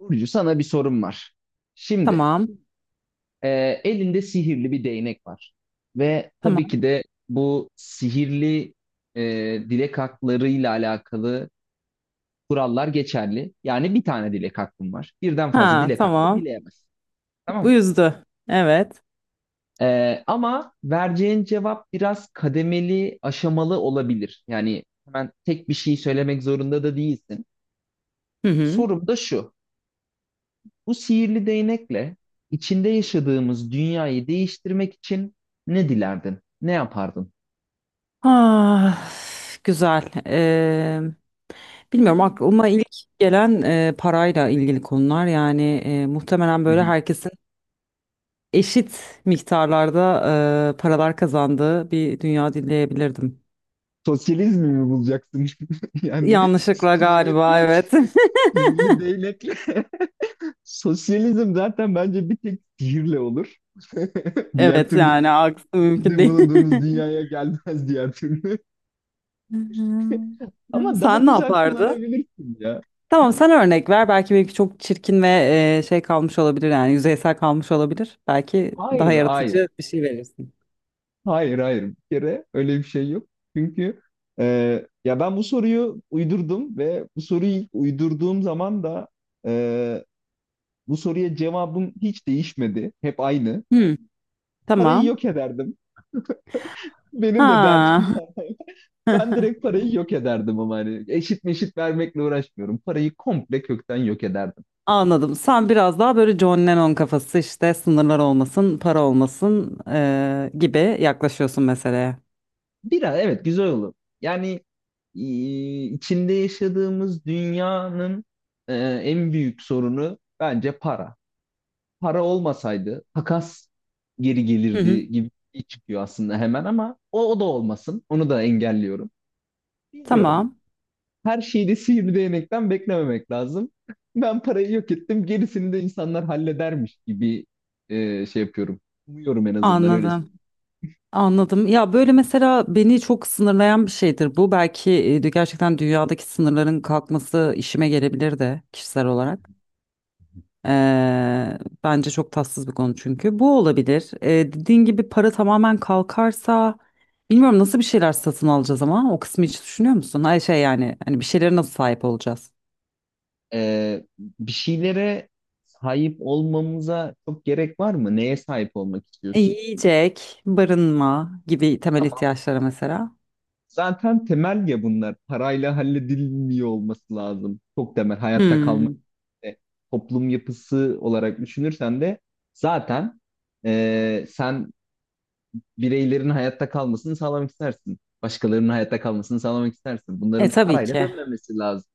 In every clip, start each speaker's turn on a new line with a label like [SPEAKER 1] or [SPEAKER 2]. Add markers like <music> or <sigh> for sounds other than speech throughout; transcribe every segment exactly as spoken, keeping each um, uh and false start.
[SPEAKER 1] Burcu sana bir sorum var. Şimdi
[SPEAKER 2] Tamam.
[SPEAKER 1] e, elinde sihirli bir değnek var. Ve tabii
[SPEAKER 2] Tamam.
[SPEAKER 1] ki de bu sihirli e, dilek haklarıyla alakalı kurallar geçerli. Yani bir tane dilek hakkın var. Birden fazla
[SPEAKER 2] Ha,
[SPEAKER 1] dilek hakkı
[SPEAKER 2] tamam.
[SPEAKER 1] dileyemezsin. Tamam
[SPEAKER 2] Bu
[SPEAKER 1] mı?
[SPEAKER 2] yüzdü. Evet.
[SPEAKER 1] E, ama vereceğin cevap biraz kademeli, aşamalı olabilir. Yani hemen tek bir şey söylemek zorunda da değilsin.
[SPEAKER 2] Hı hı.
[SPEAKER 1] Sorum da şu. Bu sihirli değnekle içinde yaşadığımız dünyayı değiştirmek için ne dilerdin? Ne yapardın?
[SPEAKER 2] Ah, güzel. Ee,
[SPEAKER 1] <laughs> Hı
[SPEAKER 2] bilmiyorum, aklıma ilk gelen e, parayla ilgili konular, yani e, muhtemelen
[SPEAKER 1] hı.
[SPEAKER 2] böyle herkesin eşit miktarlarda e, paralar kazandığı bir dünya dileyebilirdim.
[SPEAKER 1] Sosyalizmi mi bulacaksın? <laughs> Yani
[SPEAKER 2] Yanlışlıkla
[SPEAKER 1] sihirli,
[SPEAKER 2] galiba, evet. <laughs>
[SPEAKER 1] sihirli değnekle. <laughs> Sosyalizm zaten bence bir tek sihirle olur. <laughs> Diğer
[SPEAKER 2] Evet,
[SPEAKER 1] türlü
[SPEAKER 2] yani aksi mümkün
[SPEAKER 1] içinde
[SPEAKER 2] değil.
[SPEAKER 1] bulunduğumuz dünyaya gelmez diğer türlü. <laughs>
[SPEAKER 2] <laughs>
[SPEAKER 1] Ama daha
[SPEAKER 2] Sen ne
[SPEAKER 1] güzel
[SPEAKER 2] yapardın?
[SPEAKER 1] kullanabilirsin ya.
[SPEAKER 2] Tamam, sen örnek ver. Belki benimki çok çirkin ve e, şey kalmış olabilir, yani yüzeysel kalmış olabilir. Belki daha
[SPEAKER 1] Hayır, hayır.
[SPEAKER 2] yaratıcı bir şey verirsin.
[SPEAKER 1] Hayır, hayır, bir kere öyle bir şey yok. Çünkü e, ya ben bu soruyu uydurdum ve bu soruyu ilk uydurduğum zaman da e, bu soruya cevabım hiç değişmedi. Hep aynı.
[SPEAKER 2] Hmm,
[SPEAKER 1] Parayı
[SPEAKER 2] tamam.
[SPEAKER 1] yok ederdim. Benim de derdim.
[SPEAKER 2] Ha.
[SPEAKER 1] <laughs> Ben
[SPEAKER 2] <laughs>
[SPEAKER 1] direkt parayı yok ederdim ama hani eşit meşit vermekle uğraşmıyorum. Parayı komple kökten yok ederdim.
[SPEAKER 2] Anladım. Sen biraz daha böyle John Lennon kafası, işte sınırlar olmasın, para olmasın e, gibi yaklaşıyorsun meseleye.
[SPEAKER 1] Biraz evet güzel olur. Yani e, içinde yaşadığımız dünyanın e, en büyük sorunu bence para. Para olmasaydı takas geri
[SPEAKER 2] Hı hı.
[SPEAKER 1] gelirdi gibi bir şey çıkıyor aslında hemen ama o, o da olmasın. Onu da engelliyorum. Bilmiyorum.
[SPEAKER 2] Tamam.
[SPEAKER 1] Her şeyi de sihirli değnekten beklememek lazım. Ben parayı yok ettim. Gerisini de insanlar halledermiş gibi e, şey yapıyorum. Umuyorum en azından öyle
[SPEAKER 2] Anladım.
[SPEAKER 1] söyleyeyim.
[SPEAKER 2] Anladım. Ya böyle mesela beni çok sınırlayan bir şeydir bu. Belki e, gerçekten dünyadaki sınırların kalkması işime gelebilir de kişisel olarak. Eee, Bence çok tatsız bir konu çünkü. Bu olabilir. Eee dediğin gibi para tamamen kalkarsa bilmiyorum nasıl bir şeyler satın alacağız, ama o kısmı hiç düşünüyor musun? Hayır şey, yani hani bir şeylere nasıl sahip olacağız?
[SPEAKER 1] E, Bir şeylere sahip olmamıza çok gerek var mı? Neye sahip olmak
[SPEAKER 2] E,
[SPEAKER 1] istiyorsun?
[SPEAKER 2] yiyecek, barınma gibi temel
[SPEAKER 1] Tamam.
[SPEAKER 2] ihtiyaçlara mesela.
[SPEAKER 1] Zaten temel ya bunlar. Parayla halledilmiyor olması lazım. Çok temel hayatta kalma,
[SPEAKER 2] Hmm.
[SPEAKER 1] e, toplum yapısı olarak düşünürsen de zaten e, sen bireylerin hayatta kalmasını sağlamak istersin. Başkalarının hayatta kalmasını sağlamak istersin.
[SPEAKER 2] E
[SPEAKER 1] Bunların
[SPEAKER 2] tabii
[SPEAKER 1] parayla
[SPEAKER 2] ki.
[SPEAKER 1] dönmemesi lazım.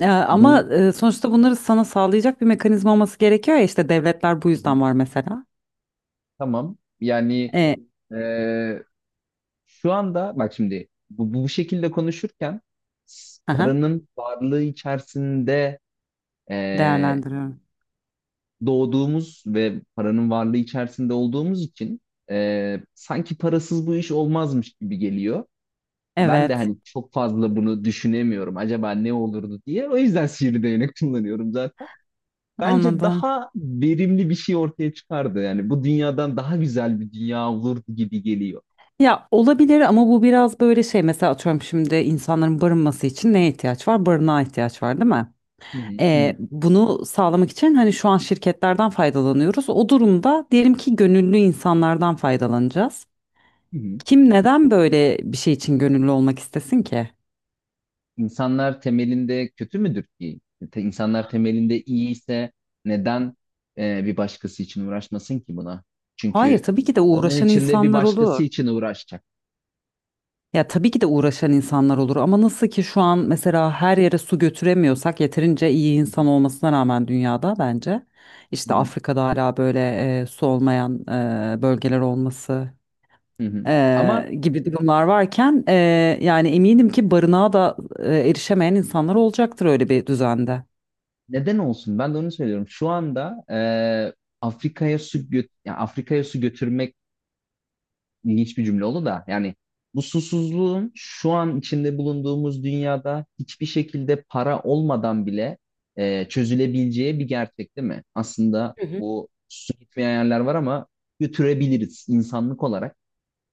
[SPEAKER 2] E, ama
[SPEAKER 1] Bu
[SPEAKER 2] e, sonuçta bunları sana sağlayacak bir mekanizma olması gerekiyor ya, işte devletler bu
[SPEAKER 1] Hı hı.
[SPEAKER 2] yüzden var mesela.
[SPEAKER 1] Tamam. Yani
[SPEAKER 2] E,
[SPEAKER 1] e, şu anda bak şimdi bu, bu şekilde konuşurken s-
[SPEAKER 2] aha,
[SPEAKER 1] paranın varlığı içerisinde e,
[SPEAKER 2] değerlendiriyorum.
[SPEAKER 1] doğduğumuz ve paranın varlığı içerisinde olduğumuz için e, sanki parasız bu iş olmazmış gibi geliyor. Ben de
[SPEAKER 2] Evet,
[SPEAKER 1] hani çok fazla bunu düşünemiyorum. Acaba ne olurdu diye. O yüzden sihirli değnek kullanıyorum zaten. Bence
[SPEAKER 2] anladım.
[SPEAKER 1] daha verimli bir şey ortaya çıkardı. Yani bu dünyadan daha güzel bir dünya olurdu gibi geliyor.
[SPEAKER 2] Ya olabilir, ama bu biraz böyle şey, mesela atıyorum şimdi insanların barınması için neye ihtiyaç var? Barınağa ihtiyaç var değil mi?
[SPEAKER 1] Hı hı,
[SPEAKER 2] Ee,
[SPEAKER 1] hı
[SPEAKER 2] bunu sağlamak için hani şu an şirketlerden faydalanıyoruz. O durumda diyelim ki gönüllü insanlardan faydalanacağız.
[SPEAKER 1] hı, hı.
[SPEAKER 2] Kim neden böyle bir şey için gönüllü olmak istesin ki?
[SPEAKER 1] İnsanlar temelinde kötü müdür ki? Te- İnsanlar temelinde iyi ise neden e, bir başkası için uğraşmasın ki buna?
[SPEAKER 2] Hayır
[SPEAKER 1] Çünkü
[SPEAKER 2] tabii ki de
[SPEAKER 1] onun
[SPEAKER 2] uğraşan
[SPEAKER 1] içinde bir
[SPEAKER 2] insanlar
[SPEAKER 1] başkası
[SPEAKER 2] olur.
[SPEAKER 1] için uğraşacak.
[SPEAKER 2] Ya tabii ki de uğraşan insanlar olur, ama nasıl ki şu an mesela her yere su götüremiyorsak yeterince iyi
[SPEAKER 1] Hı
[SPEAKER 2] insan
[SPEAKER 1] hı,
[SPEAKER 2] olmasına rağmen dünyada, bence
[SPEAKER 1] hı
[SPEAKER 2] işte
[SPEAKER 1] hı,
[SPEAKER 2] Afrika'da hala böyle e, su olmayan e, bölgeler olması
[SPEAKER 1] hı hı. Ama
[SPEAKER 2] eee, gibi durumlar varken eee, yani eminim ki barınağa da eee, erişemeyen insanlar olacaktır öyle bir düzende.
[SPEAKER 1] neden olsun? Ben de onu söylüyorum. Şu anda e, Afrika'ya su göt yani Afrika'ya su götürmek ilginç bir cümle oldu da yani bu susuzluğun şu an içinde bulunduğumuz dünyada hiçbir şekilde para olmadan bile e, çözülebileceği bir gerçek değil mi? Aslında
[SPEAKER 2] Hı hı.
[SPEAKER 1] o su gitmeyen yerler var ama götürebiliriz insanlık olarak.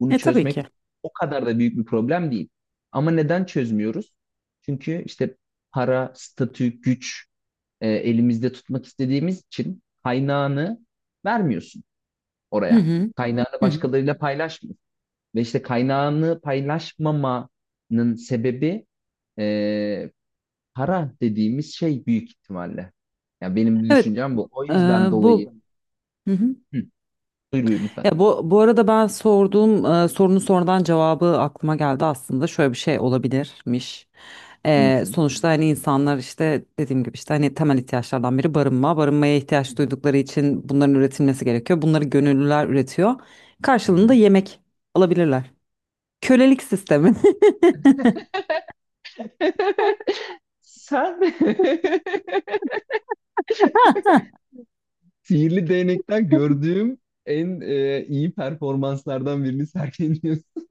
[SPEAKER 1] Bunu
[SPEAKER 2] E tabii
[SPEAKER 1] çözmek
[SPEAKER 2] ki.
[SPEAKER 1] o kadar da büyük bir problem değil. Ama neden çözmüyoruz? Çünkü işte para, statü, güç e, elimizde tutmak istediğimiz için kaynağını vermiyorsun
[SPEAKER 2] Hı
[SPEAKER 1] oraya.
[SPEAKER 2] hı.
[SPEAKER 1] Kaynağını
[SPEAKER 2] Hı hı.
[SPEAKER 1] başkalarıyla paylaşmıyorsun. Ve işte kaynağını paylaşmamanın sebebi e, para dediğimiz şey büyük ihtimalle. Yani benim bir
[SPEAKER 2] Evet,
[SPEAKER 1] düşüncem bu. O
[SPEAKER 2] eee,
[SPEAKER 1] yüzden dolayı.
[SPEAKER 2] bu, hı hı.
[SPEAKER 1] Hı, buyur buyur lütfen.
[SPEAKER 2] Ya bu, bu arada ben sorduğum e, sorunun sonradan cevabı aklıma geldi aslında, şöyle bir şey olabilirmiş. E,
[SPEAKER 1] Nasıl?
[SPEAKER 2] sonuçta hani insanlar, işte dediğim gibi, işte hani temel ihtiyaçlardan biri barınma. Barınmaya
[SPEAKER 1] Hı
[SPEAKER 2] ihtiyaç
[SPEAKER 1] hı.
[SPEAKER 2] duydukları için bunların üretilmesi gerekiyor. Bunları gönüllüler üretiyor.
[SPEAKER 1] Hı
[SPEAKER 2] Karşılığında
[SPEAKER 1] hı.
[SPEAKER 2] yemek alabilirler. Kölelik sistemi.
[SPEAKER 1] <laughs> Sen <laughs>
[SPEAKER 2] <laughs>
[SPEAKER 1] sihirli değnekten gördüğüm en e, iyi performanslardan birini sergiliyorsun. <laughs>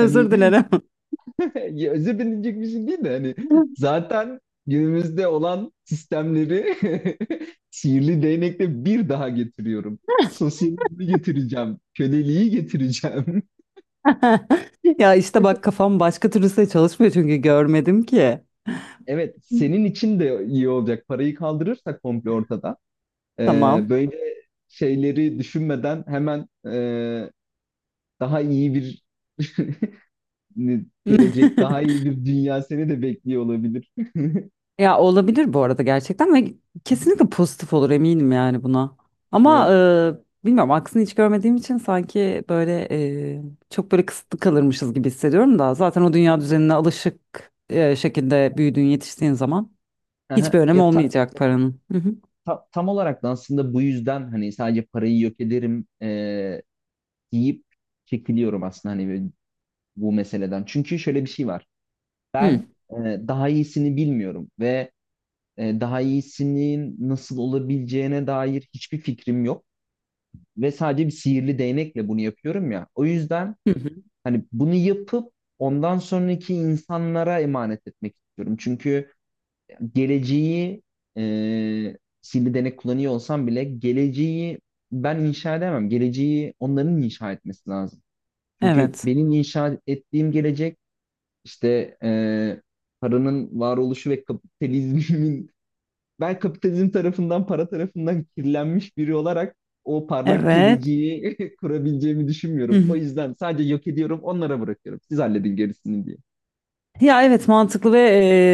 [SPEAKER 1] Hani
[SPEAKER 2] dilerim.
[SPEAKER 1] ya, özür dilenecek bir şey değil de hani
[SPEAKER 2] <laughs>
[SPEAKER 1] zaten günümüzde olan sistemleri <laughs> sihirli değnekle bir daha getiriyorum. Sosyalizmi getireceğim, köleliği getireceğim. <laughs>
[SPEAKER 2] Ya işte bak, kafam başka türlüse çalışmıyor çünkü görmedim ki.
[SPEAKER 1] Evet, senin için de iyi olacak. Parayı kaldırırsak komple ortada. Ee,
[SPEAKER 2] Tamam.
[SPEAKER 1] böyle şeyleri düşünmeden hemen e, daha iyi bir <laughs> gelecek, daha
[SPEAKER 2] <laughs>
[SPEAKER 1] iyi bir dünya seni de bekliyor olabilir. <laughs>
[SPEAKER 2] Ya olabilir bu arada gerçekten, ve kesinlikle pozitif olur eminim, yani buna. Ama
[SPEAKER 1] Evet.
[SPEAKER 2] e, bilmiyorum, aksini hiç görmediğim için sanki böyle e, çok böyle kısıtlı kalırmışız gibi hissediyorum, da zaten o dünya düzenine alışık e, şekilde büyüdüğün yetiştiğin zaman hiçbir
[SPEAKER 1] Aha.
[SPEAKER 2] önemi
[SPEAKER 1] Ya ta-
[SPEAKER 2] olmayacak paranın. Hı hı.
[SPEAKER 1] ta- tam olarak da aslında bu yüzden hani sadece parayı yok ederim, e, deyip çekiliyorum aslında hani böyle bu meseleden. Çünkü şöyle bir şey var.
[SPEAKER 2] Hı.
[SPEAKER 1] Ben e, daha iyisini bilmiyorum ve e, daha iyisinin nasıl olabileceğine dair hiçbir fikrim yok ve sadece bir sihirli değnekle bunu yapıyorum ya. O yüzden
[SPEAKER 2] Hı hı.
[SPEAKER 1] hani bunu yapıp ondan sonraki insanlara emanet etmek istiyorum. Çünkü geleceği, e, sihirli değnek kullanıyor olsam bile geleceği ben inşa edemem. Geleceği onların inşa etmesi lazım. Çünkü
[SPEAKER 2] Evet.
[SPEAKER 1] benim inşa ettiğim gelecek işte e, paranın varoluşu ve kapitalizmin <laughs> ben kapitalizm tarafından, para tarafından kirlenmiş biri olarak o parlak
[SPEAKER 2] Evet.
[SPEAKER 1] geleceği <laughs> kurabileceğimi düşünmüyorum. O
[SPEAKER 2] <laughs>
[SPEAKER 1] yüzden sadece yok ediyorum, onlara bırakıyorum. Siz halledin gerisini diye.
[SPEAKER 2] Ya evet, mantıklı ve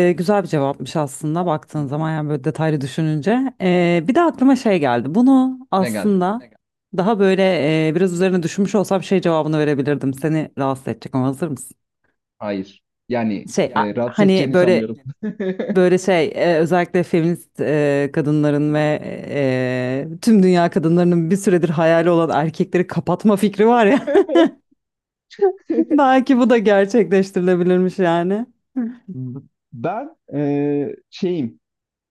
[SPEAKER 2] e, güzel bir cevapmış aslında baktığın zaman, yani böyle detaylı düşününce. E, bir de aklıma şey geldi. Bunu
[SPEAKER 1] Ne geldi?
[SPEAKER 2] aslında daha böyle e, biraz üzerine düşünmüş olsam şey cevabını verebilirdim. Seni rahatsız edecek ama hazır mısın?
[SPEAKER 1] Hayır. Yani
[SPEAKER 2] Şey a-
[SPEAKER 1] e, rahatsız
[SPEAKER 2] Hani
[SPEAKER 1] edeceğini
[SPEAKER 2] böyle
[SPEAKER 1] sanmıyorum.
[SPEAKER 2] böyle şey e, özellikle feminist e, kadınların ve e, tüm dünya kadınlarının bir süredir hayali olan erkekleri kapatma fikri var ya.
[SPEAKER 1] <laughs>
[SPEAKER 2] <laughs> Belki bu da gerçekleştirilebilirmiş yani.
[SPEAKER 1] Ben eee, şeyim,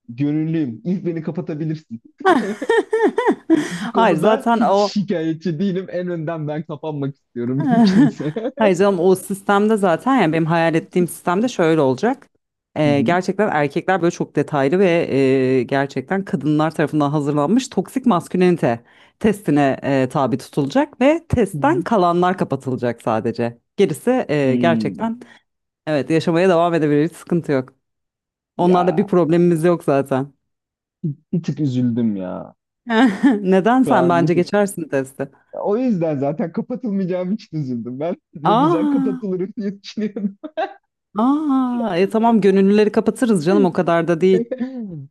[SPEAKER 1] gönüllüyüm. İlk beni kapatabilirsin. <laughs>
[SPEAKER 2] <laughs>
[SPEAKER 1] Bu
[SPEAKER 2] <laughs> Hayır
[SPEAKER 1] konuda
[SPEAKER 2] zaten
[SPEAKER 1] hiç
[SPEAKER 2] o
[SPEAKER 1] şikayetçi değilim. En önden ben kapanmak istiyorum <laughs> mümkünse.
[SPEAKER 2] <laughs> hayır canım, o sistemde zaten, yani benim hayal ettiğim sistemde şöyle olacak.
[SPEAKER 1] Hı
[SPEAKER 2] Ee,
[SPEAKER 1] hı.
[SPEAKER 2] gerçekten erkekler böyle çok detaylı ve e, gerçekten kadınlar tarafından hazırlanmış toksik maskülenite testine e, tabi tutulacak ve
[SPEAKER 1] Hı
[SPEAKER 2] testten
[SPEAKER 1] hı.
[SPEAKER 2] kalanlar kapatılacak sadece. Gerisi e,
[SPEAKER 1] Hmm.
[SPEAKER 2] gerçekten evet yaşamaya devam edebilir, hiç sıkıntı yok. Onlarla bir
[SPEAKER 1] Ya
[SPEAKER 2] problemimiz yok zaten.
[SPEAKER 1] bir tık üzüldüm ya.
[SPEAKER 2] <laughs> Neden,
[SPEAKER 1] Şu
[SPEAKER 2] sen
[SPEAKER 1] an bir
[SPEAKER 2] bence
[SPEAKER 1] tık.
[SPEAKER 2] geçersin testi?
[SPEAKER 1] O yüzden zaten kapatılmayacağım için üzüldüm. Ben <laughs> ne güzel
[SPEAKER 2] Aa,
[SPEAKER 1] kapatılırım diye düşünüyorum.
[SPEAKER 2] aa, e, tamam gönüllüleri kapatırız canım, o
[SPEAKER 1] <laughs>
[SPEAKER 2] kadar da değil.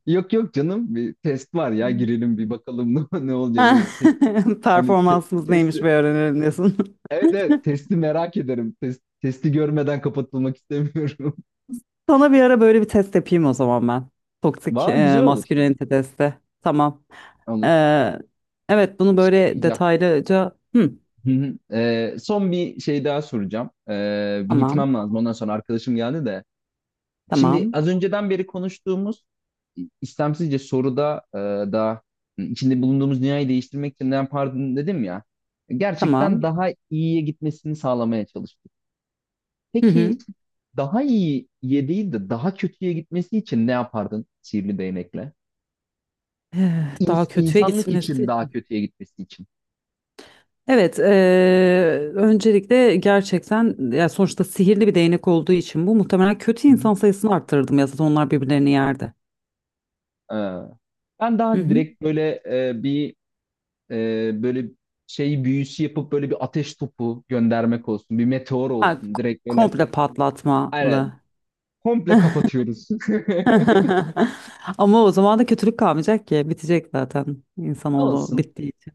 [SPEAKER 1] Yok yok canım, bir test var ya girelim bir bakalım <laughs> ne, ne olacak.
[SPEAKER 2] Ha,
[SPEAKER 1] Bir test,
[SPEAKER 2] <laughs>
[SPEAKER 1] hani te,
[SPEAKER 2] performansımız
[SPEAKER 1] test.
[SPEAKER 2] neymiş bir öğrenelim diyorsun. <laughs>
[SPEAKER 1] Evet evet, testi merak ederim. Test, testi görmeden kapatılmak istemiyorum.
[SPEAKER 2] Sana bir ara böyle bir test yapayım o zaman ben.
[SPEAKER 1] <laughs>
[SPEAKER 2] Toksik
[SPEAKER 1] Valla
[SPEAKER 2] e,
[SPEAKER 1] güzel olur.
[SPEAKER 2] maskülenite testi. Tamam.
[SPEAKER 1] Olur.
[SPEAKER 2] Ee, evet, bunu
[SPEAKER 1] Şey
[SPEAKER 2] böyle
[SPEAKER 1] diyeceğim.
[SPEAKER 2] detaylıca... Hı,
[SPEAKER 1] Hı hı. Ee, son bir şey daha soracağım. Ee, bir
[SPEAKER 2] tamam,
[SPEAKER 1] gitmem lazım. Ondan sonra arkadaşım geldi de. Şimdi
[SPEAKER 2] tamam,
[SPEAKER 1] az önceden beri konuştuğumuz istemsizce soruda e, da içinde bulunduğumuz dünyayı değiştirmek için ne yapardın dedim ya.
[SPEAKER 2] tamam.
[SPEAKER 1] Gerçekten daha iyiye gitmesini sağlamaya çalıştık.
[SPEAKER 2] Hı
[SPEAKER 1] Peki
[SPEAKER 2] hı.
[SPEAKER 1] daha iyiye değil de daha kötüye gitmesi için ne yapardın sihirli değnekle?
[SPEAKER 2] Eh, daha
[SPEAKER 1] İns-
[SPEAKER 2] kötüye
[SPEAKER 1] insanlık
[SPEAKER 2] gitmesi
[SPEAKER 1] için daha
[SPEAKER 2] için.
[SPEAKER 1] kötüye gitmesi için.
[SPEAKER 2] Evet, e, öncelikle gerçekten ya sonuçta sihirli bir değnek olduğu için bu, muhtemelen kötü
[SPEAKER 1] Hı hı.
[SPEAKER 2] insan sayısını arttırırdım ya, zaten onlar birbirlerini yerdi.
[SPEAKER 1] Ee, Ben
[SPEAKER 2] Hı
[SPEAKER 1] daha
[SPEAKER 2] hı.
[SPEAKER 1] direkt böyle e, bir e, böyle şeyi büyüsü yapıp böyle bir ateş topu göndermek olsun, bir meteor
[SPEAKER 2] Ha,
[SPEAKER 1] olsun.
[SPEAKER 2] k-
[SPEAKER 1] Direkt böyle
[SPEAKER 2] komple
[SPEAKER 1] aynen
[SPEAKER 2] patlatmalı.
[SPEAKER 1] komple kapatıyoruz.
[SPEAKER 2] <laughs> Ama o zaman da kötülük kalmayacak ki. Bitecek zaten
[SPEAKER 1] <laughs>
[SPEAKER 2] insanoğlu
[SPEAKER 1] Olsun,
[SPEAKER 2] bittiği için.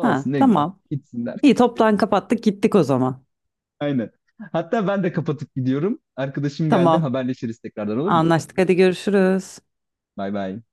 [SPEAKER 2] Ha,
[SPEAKER 1] ne güzel.
[SPEAKER 2] tamam.
[SPEAKER 1] Gitsinler.
[SPEAKER 2] İyi, toptan kapattık gittik o zaman.
[SPEAKER 1] Aynen. Hatta ben de kapatıp gidiyorum. Arkadaşım geldi.
[SPEAKER 2] Tamam.
[SPEAKER 1] Haberleşiriz tekrardan, olur mu?
[SPEAKER 2] Anlaştık. Hadi görüşürüz.
[SPEAKER 1] Bay bay.